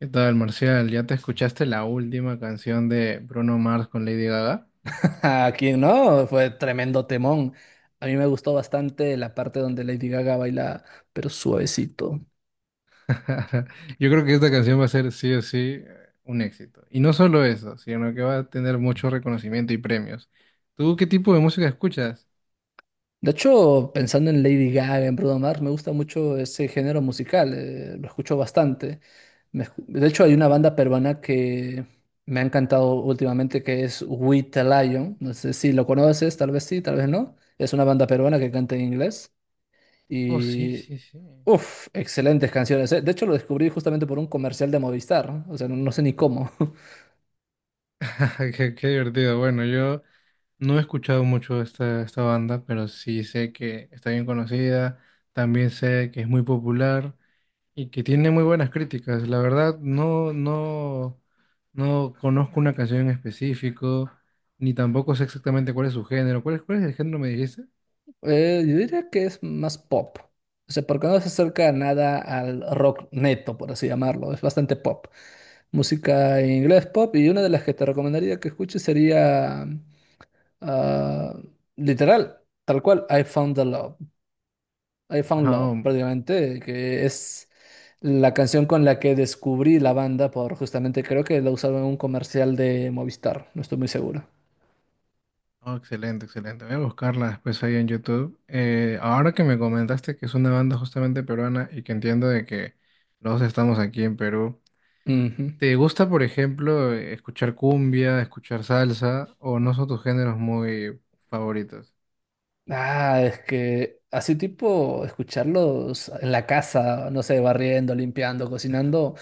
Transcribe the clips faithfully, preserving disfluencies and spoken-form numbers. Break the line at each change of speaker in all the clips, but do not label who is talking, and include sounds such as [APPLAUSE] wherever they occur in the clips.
¿Qué tal, Marcial? ¿Ya te escuchaste la última canción de Bruno Mars con Lady Gaga?
¿A quién no? Fue tremendo temón. A mí me gustó bastante la parte donde Lady Gaga baila, pero suavecito.
[LAUGHS] Yo creo que esta canción va a ser sí o sí eh, un éxito. Y no solo eso, sino que va a tener mucho reconocimiento y premios. ¿Tú qué tipo de música escuchas?
De hecho, pensando en Lady Gaga, en Bruno Mars, me gusta mucho ese género musical, eh, lo escucho bastante. Me escu- de hecho, hay una banda peruana que me ha encantado últimamente que es We The Lion. No sé si lo conoces, tal vez sí, tal vez no. Es una banda peruana que canta en inglés.
Oh, sí,
Y
sí, sí.
uff, excelentes canciones. eh. De hecho, lo descubrí justamente por un comercial de Movistar, ¿no? O sea, no, no sé ni cómo. [LAUGHS]
[LAUGHS] Qué, qué divertido. Bueno, yo no he escuchado mucho esta, esta banda, pero sí sé que está bien conocida. También sé que es muy popular. Y que tiene muy buenas críticas. La verdad, no, no, no conozco una canción en específico, ni tampoco sé exactamente cuál es su género. ¿Cuál es, cuál es el género, me dijiste?
Eh, yo diría que es más pop. O sea, porque no se acerca nada al rock neto, por así llamarlo. Es bastante pop. Música en inglés pop. Y una de las que te recomendaría que escuches sería, ah, literal, tal cual, I Found the Love. I Found
Ah,
Love, prácticamente, que es la canción con la que descubrí la banda, por justamente creo que la usaron en un comercial de Movistar, no estoy muy seguro.
oh, excelente, excelente. Voy a buscarla después ahí en YouTube. Eh, ahora que me comentaste que es una banda justamente peruana y que entiendo de que los dos estamos aquí en Perú,
Ujú.
¿te gusta, por ejemplo, escuchar cumbia, escuchar salsa, o no son tus géneros muy favoritos?
Ah, es que así tipo escucharlos en la casa, no sé, barriendo, limpiando, cocinando.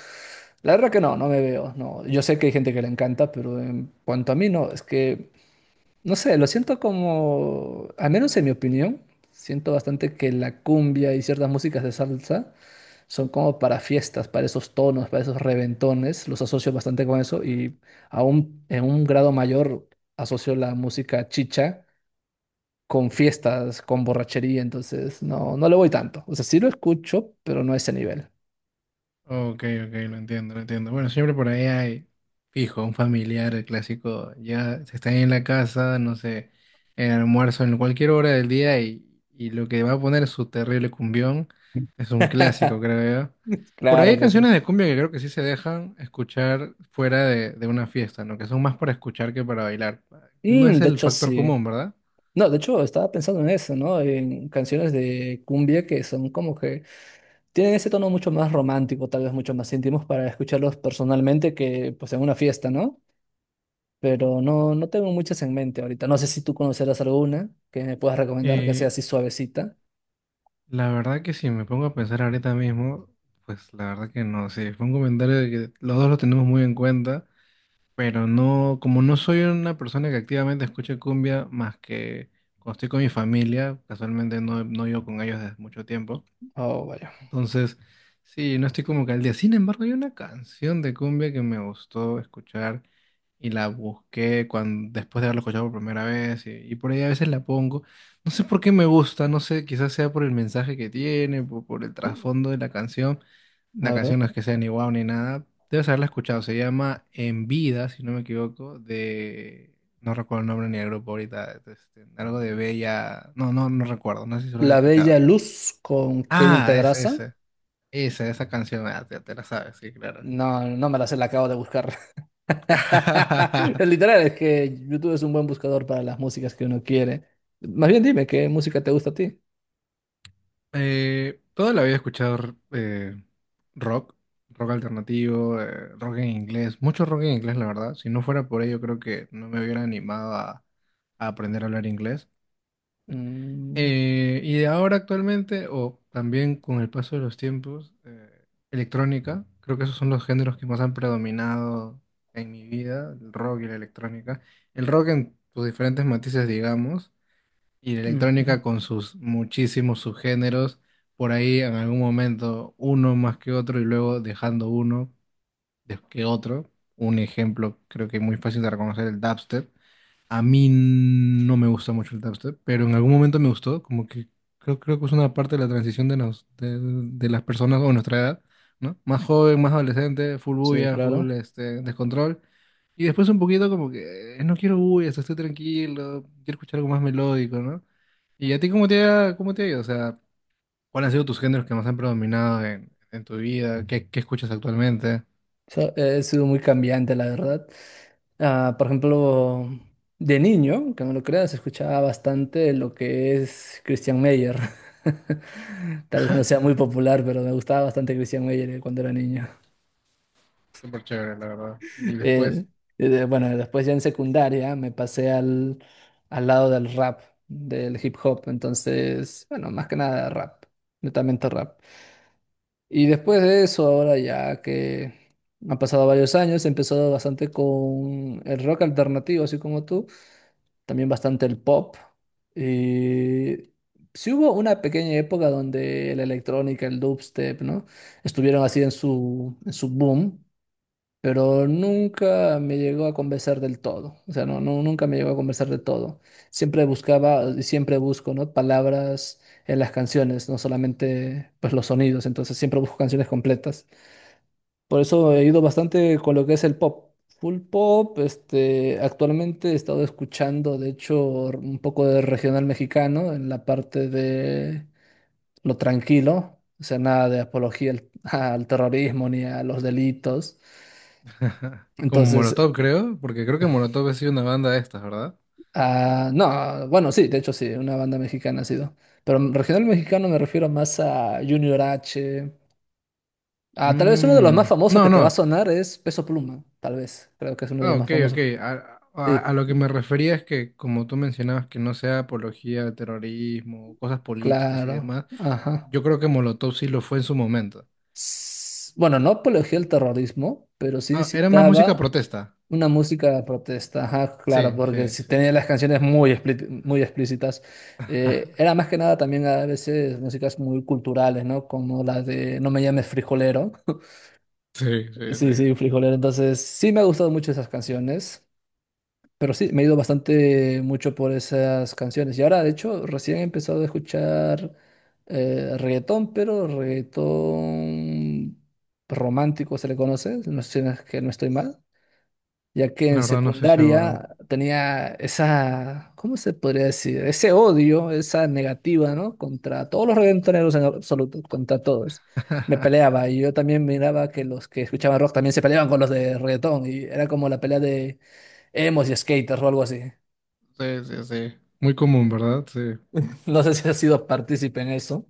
La verdad que no, no me veo, no. Yo sé que hay gente que le encanta, pero en cuanto a mí no, es que no sé, lo siento como, al menos en mi opinión, siento bastante que la cumbia y ciertas músicas de salsa son como para fiestas, para esos tonos, para esos reventones. Los asocio bastante con eso y aún en un grado mayor asocio la música chicha con fiestas, con borrachería. Entonces, no, no le voy tanto. O sea, sí lo escucho, pero no a ese nivel.
Ok, ok, lo entiendo, lo entiendo. Bueno, siempre por ahí hay, fijo, un familiar, el clásico, ya se está en la casa, no sé, en el almuerzo, en cualquier hora del día y, y lo que va a poner su terrible cumbión es un clásico,
[LAUGHS]
creo yo. Por ahí hay
Claro que sí.
canciones de cumbia que creo que sí se dejan escuchar fuera de, de una fiesta, ¿no? Que son más para escuchar que para bailar. No
Mm,
es
de
el
hecho,
factor
sí.
común, ¿verdad?
No, de hecho, estaba pensando en eso, ¿no? En canciones de cumbia que son como que tienen ese tono mucho más romántico, tal vez mucho más íntimos para escucharlos personalmente que pues en una fiesta, ¿no? Pero no, no tengo muchas en mente ahorita. No sé si tú conocerás alguna que me puedas recomendar que sea así suavecita.
La verdad que si me pongo a pensar ahorita mismo, pues la verdad que no, sí, fue un comentario de que los dos lo tenemos muy en cuenta, pero no, como no soy una persona que activamente escuche cumbia más que cuando estoy con mi familia, casualmente no, no vivo con ellos desde mucho tiempo,
Oh, vaya.
entonces, sí, no estoy como que al día. Sin embargo, hay una canción de cumbia que me gustó escuchar y la busqué cuando, después de haberla escuchado por primera vez y, y por ahí a veces la pongo. No sé por qué me gusta, no sé, quizás sea por el mensaje que tiene, por, por el trasfondo de la canción. La
A
canción
ver.
no es que sea ni guau ni nada. Debes haberla escuchado. Se llama En Vida, si no me equivoco, de... No recuerdo el nombre ni el grupo ahorita. Este, algo de Bella... No, no, no recuerdo. No sé si lo has
La Bella
escuchado.
Luz con Kevin
Ah, es
Pedraza.
ese. Esa, esa canción, ah, te, te la sabes, sí, claro.
No, no me la sé, la acabo de buscar. [LAUGHS]
[LAUGHS]
Es literal, es que YouTube es un buen buscador para las músicas que uno quiere. Más bien dime, ¿qué música te gusta a ti?
Eh, toda la vida he escuchado eh, rock, rock alternativo, eh, rock en inglés, mucho rock en inglés, la verdad. Si no fuera por ello, creo que no me hubiera animado a, a aprender a hablar inglés.
Mm,
Eh, y de ahora actualmente, o también con el paso de los tiempos, eh, electrónica, creo que esos son los géneros que más han predominado en mi vida, el rock y la electrónica. El rock en sus diferentes matices, digamos. Y la
ujú.
electrónica con sus muchísimos subgéneros, por ahí en algún momento uno más que otro y luego dejando uno de- que otro. Un ejemplo creo que muy fácil de reconocer, el dubstep. A mí no me gusta mucho el dubstep, pero en algún momento me gustó, como que creo, creo que es una parte de la transición de, nos- de, de las personas o nuestra edad, ¿no? Más joven, más adolescente, full
Sí,
bulla, full
claro.
este, descontrol. Y después un poquito como que eh, no quiero bullas, estoy tranquilo, quiero escuchar algo más melódico, ¿no? ¿Y a ti cómo te ha, cómo te ha ido? O sea, ¿cuáles han sido tus géneros que más han predominado en, en tu vida? ¿Qué, qué escuchas actualmente? [LAUGHS]
So- eh, ha sido muy cambiante, la verdad. Ah, por ejemplo, de niño, que no lo creas, escuchaba bastante lo que es Christian Meyer. [LAUGHS] Tal vez
Ah,
no sea muy
Cristian, güey.
popular, pero me gustaba bastante Christian Meyer eh, cuando era niño.
Súper chévere, la verdad. Y
[LAUGHS]
después,
Eh, eh, de- bueno, después ya en secundaria me pasé al, al lado del rap, del hip hop. Entonces, bueno, más que nada rap, netamente rap. Y después de eso, ahora ya que han pasado varios años, he empezado bastante con el rock alternativo, así como tú, también bastante el pop. Y sí hubo una pequeña época donde la electrónica, el dubstep, ¿no? Estuvieron así en su, en su boom, pero nunca me llegó a convencer del todo, o sea, no, no, nunca me llegó a convencer del todo. Siempre buscaba, y siempre busco, ¿no? Palabras en las canciones, no solamente, pues, los sonidos, entonces siempre busco canciones completas. Por eso he ido bastante con lo que es el pop. Full pop, este, actualmente he estado escuchando, de hecho, r- un poco de regional mexicano en la parte de lo tranquilo, o sea, nada de apología al [LAUGHS] al terrorismo ni a los delitos.
[LAUGHS] como
Entonces,
Molotov, creo, porque creo que Molotov ha sido una banda de estas, ¿verdad?
ah, no, bueno, sí, de hecho sí, una banda mexicana ha sido. Pero regional mexicano me refiero más a Junior H. Ah, tal vez uno de los más
Mm,
famosos
no,
que te va a
no.
sonar es Peso Pluma, tal vez. Creo que es uno de
Ah,
los más
ok, ok.
famosos.
A, a- a
Sí,
lo que me refería es que, como tú mencionabas, que no sea apología al terrorismo, cosas políticas y
claro.
demás,
Ajá.
yo creo que Molotov sí lo fue en su momento.
S- bueno, no apología al terrorismo, pero sí
Ah, era más música
incitaba
protesta.
una música de protesta. Ajá, claro,
Sí,
porque
sí,
si
sí.
tenía
Sí.
las canciones muy, explí- muy explícitas. Eh, era más que nada también a veces músicas muy culturales, ¿no? Como la de No me llames frijolero. [LAUGHS]
Sí, sí,
Sí, sí,
sí.
frijolero. Entonces, sí me ha gustado mucho esas canciones. Pero sí, me he ido bastante mucho por esas canciones. Y ahora, de hecho, recién he empezado a escuchar eh, reggaetón, pero reggaetón romántico se le conoce, no sé si no es que no estoy mal, ya que
La
en
verdad no estoy seguro.
secundaria tenía esa, ¿cómo se podría decir? Ese odio, esa negativa, ¿no? Contra todos los reggaetoneros en absoluto, contra todos. Me
[LAUGHS]
peleaba y yo también miraba que los que escuchaban rock también se peleaban con los de reggaetón y era como la pelea de emos y skaters o algo así.
Sí, sí, sí. Muy común, ¿verdad? Sí.
No sé si has sido partícipe en eso.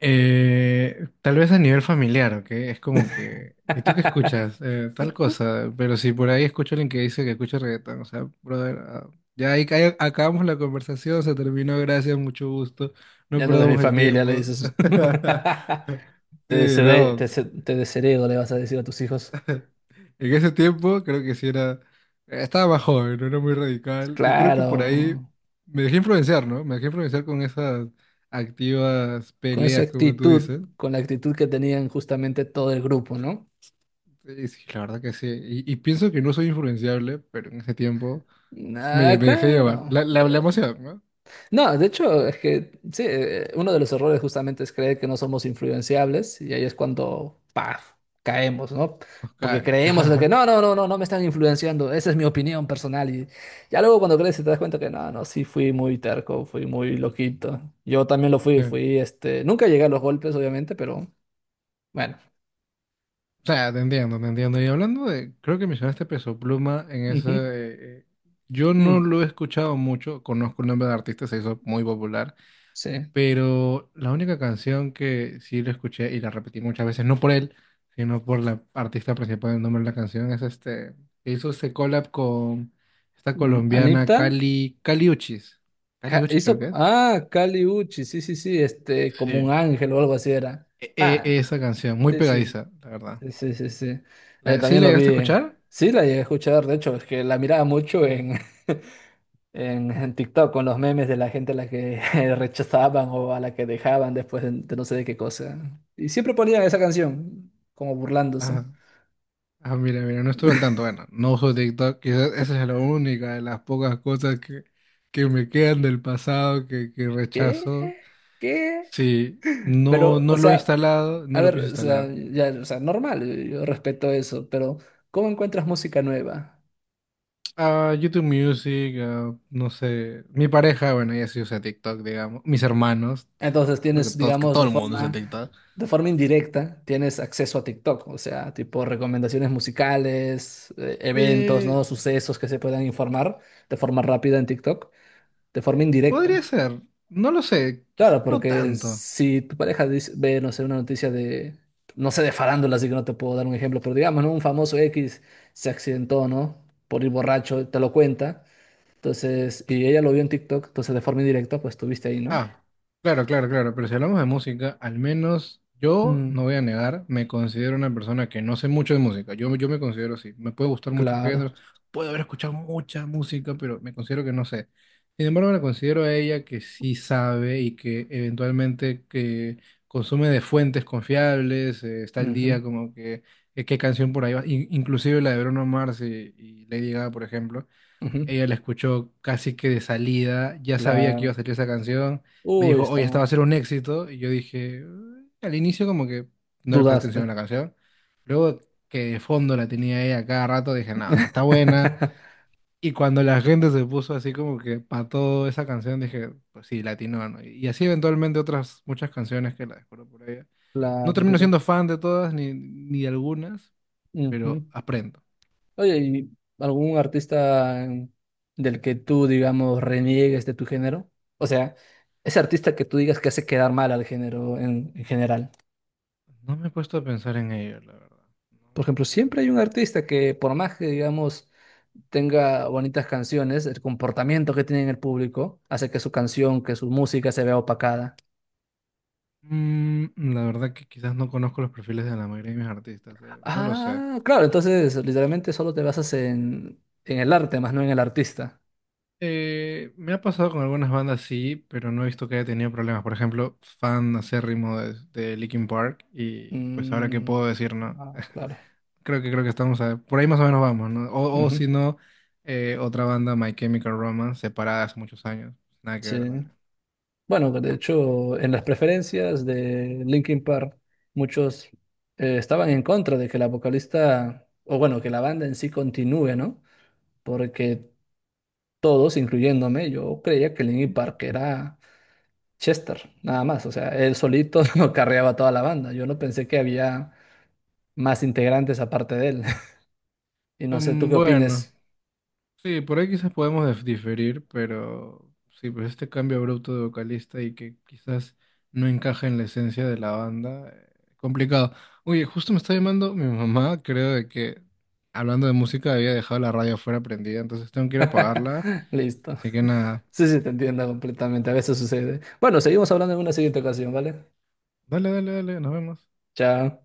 Eh, tal vez a nivel familiar, ¿ok? Es como que... ¿Y tú qué escuchas? Eh, tal cosa. Pero si por ahí escucho a alguien que dice que escucha reggaetón, o sea, brother, ah, ya ahí ca- acabamos la conversación, se terminó, gracias, mucho gusto. No
Ya no eres mi
perdamos el
familia, le
tiempo.
dices.
[LAUGHS]
[LAUGHS] Te
Sí,
desheredo,
no.
te, se- te desheredo, le vas a decir a tus hijos.
En ese tiempo creo que sí era, estaba más joven, no era muy radical y creo que
Claro,
por ahí me dejé influenciar, ¿no? Me dejé influenciar con esas activas
con esa
peleas, como tú
actitud,
dices.
con la actitud que tenían justamente todo el grupo, ¿no?
Y sí, la verdad que sí. Y, y pienso que no soy influenciable, pero en ese tiempo me,
Ah,
lle- me dejé llevar.
claro.
La, la, la emoción, ¿no?
No, de hecho, es que sí, eh, uno de los errores justamente es creer que no somos influenciables y ahí es cuando, ¡paf!, caemos, ¿no?
Nos
Porque
cae.
creemos de que no,
[LAUGHS]
no, no, no, no me están influenciando, esa es mi opinión personal y ya luego cuando creces te das cuenta que no, no, sí fui muy terco, fui muy loquito. Yo también lo fui,
Sí. O
fui, este, nunca llegué a los golpes, obviamente, pero bueno.
sea, te entiendo, te entiendo. Y hablando de, creo que mencionaste Peso Pluma en ese...
Ujú.
eh, eh, yo no
Mm,
lo he escuchado mucho, conozco el nombre de artista, se hizo muy popular.
sí.
Pero la única canción que sí lo escuché y la repetí muchas veces, no por él, sino por la artista principal del nombre de la canción, es este, que hizo este collab con esta
Mm,
colombiana
Anita
Cali, Cali Uchis. Cali
ca-
Uchis creo que
hizo,
es.
ah, Kali Uchi, sí, sí, sí, este, como un
Sí.
ángel o algo así era.
E- e-
Ah.
esa canción, muy
Sí, sí, sí.
pegadiza, la verdad.
Sí, sí, sí, sí. Eh,
¿La- ¿Sí
también
la
lo
llegaste a
vi.
escuchar?
Sí, la llegué a escuchar, de hecho, es que la miraba mucho en, [LAUGHS] en, en TikTok con los memes de la gente a la que [LAUGHS] rechazaban o a la que dejaban después de, de no sé de qué cosa. Y siempre ponían esa canción, como burlándose.
Ajá. Ah, mira, mira, no estuve al tanto. Bueno, no uso TikTok, quizás esa es la única de las pocas cosas que, que me quedan del pasado que, que
¿Qué?
rechazo.
¿Qué?
Sí, no,
Pero,
no
o
lo he
sea,
instalado, no
a
lo
ver,
pienso
o sea,
instalar.
ya, o sea, normal, yo respeto eso, pero ¿cómo encuentras música nueva?
Ah, YouTube Music, ah, no sé. Mi pareja, bueno, ella sí usa TikTok, digamos. Mis hermanos usan
Entonces
TikTok. Creo que
tienes,
todos, que
digamos,
todo
de
el mundo usa
forma,
TikTok.
de forma indirecta, tienes acceso a TikTok, o sea, tipo recomendaciones musicales, eh, eventos,
Eh,
¿no? Sucesos que se puedan informar de forma rápida en TikTok, de forma
eh, Podría
indirecta.
ser, no lo sé,
Claro,
quizás no
porque
tanto.
si tu pareja dice- ve, no sé, una noticia de, no sé, de farándula, así que no te puedo dar un ejemplo, pero digamos, ¿no? Un famoso X se accidentó, ¿no? Por ir borracho, te lo cuenta. Entonces, y ella lo vio en TikTok, entonces de forma indirecta, pues estuviste ahí, ¿no?
Ah, claro, claro, claro, pero si hablamos de música, al menos yo
Mm,
no voy a negar, me considero una persona que no sé mucho de música, yo, yo me considero así, me puede gustar mucho
claro.
género, puedo haber escuchado mucha música, pero me considero que no sé. Sin embargo, la considero a ella que sí sabe y que eventualmente que consume de fuentes confiables, eh, está al
Ujú.
día como que eh, qué canción por ahí va, in- inclusive la de Bruno Mars y, y Lady Gaga, por ejemplo.
Ujú,
Ella la escuchó casi que de salida, ya sabía que iba a
claro.
salir esa canción. Me
Uy,
dijo, oye, esta va a
estaba.
ser un éxito. Y yo dije, "Mm", al inicio como que no le presté atención
Dudaste.
a la canción. Luego que de fondo la tenía ella cada rato, dije, nada o sea, está buena.
[LAUGHS]
Y cuando la gente se puso así como que para toda esa canción, dije, pues sí, latino, ¿no? Y así eventualmente otras muchas canciones que la descubro por ella.
La
No termino
verdad.
siendo fan de todas ni, ni de algunas,
Ujú.
pero aprendo.
Oye, ¿y algún artista em, del que tú, digamos, reniegues de tu género? O sea, ese artista que tú digas que hace quedar mal al género en, en general.
No me he puesto a pensar en ello, la verdad. No me
Por
he
ejemplo,
puesto a
siempre
pensar.
hay un artista que, por más que, digamos, tenga bonitas canciones, el comportamiento que tiene en el público hace que su canción, que su música se vea opacada.
Mm, la verdad que quizás no conozco los perfiles de la mayoría de mis artistas, eh, no lo sé.
Ah, claro, entonces literalmente solo te basas en, en el arte, más no en el artista.
Eh, me ha pasado con algunas bandas, sí, pero no he visto que haya tenido problemas. Por ejemplo, fan acérrimo de, de Linkin Park y pues ahora qué
Mm,
puedo decir, ¿no?
ah,
[LAUGHS]
claro.
Creo que creo que estamos a- por ahí más o menos vamos, ¿no? O, o
Ujú,
si no, eh, otra banda, My Chemical Romance, separada hace muchos años. Nada que ver
sí.
también.
Bueno, de hecho, en las preferencias de Linkin Park, muchos eh, estaban en contra de que la vocalista, o bueno, que la banda en sí continúe, ¿no? Porque todos, incluyéndome, yo creía que Linkin Park era Chester, nada más. O sea, él solito [LAUGHS] carreaba toda la banda. Yo no pensé que había más integrantes aparte de él. Y no sé, ¿tú
Mm,
qué
bueno.
opines?
Sí, por ahí quizás podemos dif- diferir, pero sí, pues este cambio abrupto de vocalista y que quizás no encaja en la esencia de la banda, eh, complicado. Oye, justo me está llamando mi mamá, creo de que hablando de música había dejado la radio afuera prendida, entonces tengo que ir a apagarla,
[LAUGHS] Listo.
así que nada,
Sí, sí, te entiendo completamente. A veces sucede. Bueno, seguimos hablando en una siguiente ocasión, ¿vale?
dale, dale, dale, nos vemos.
Chao.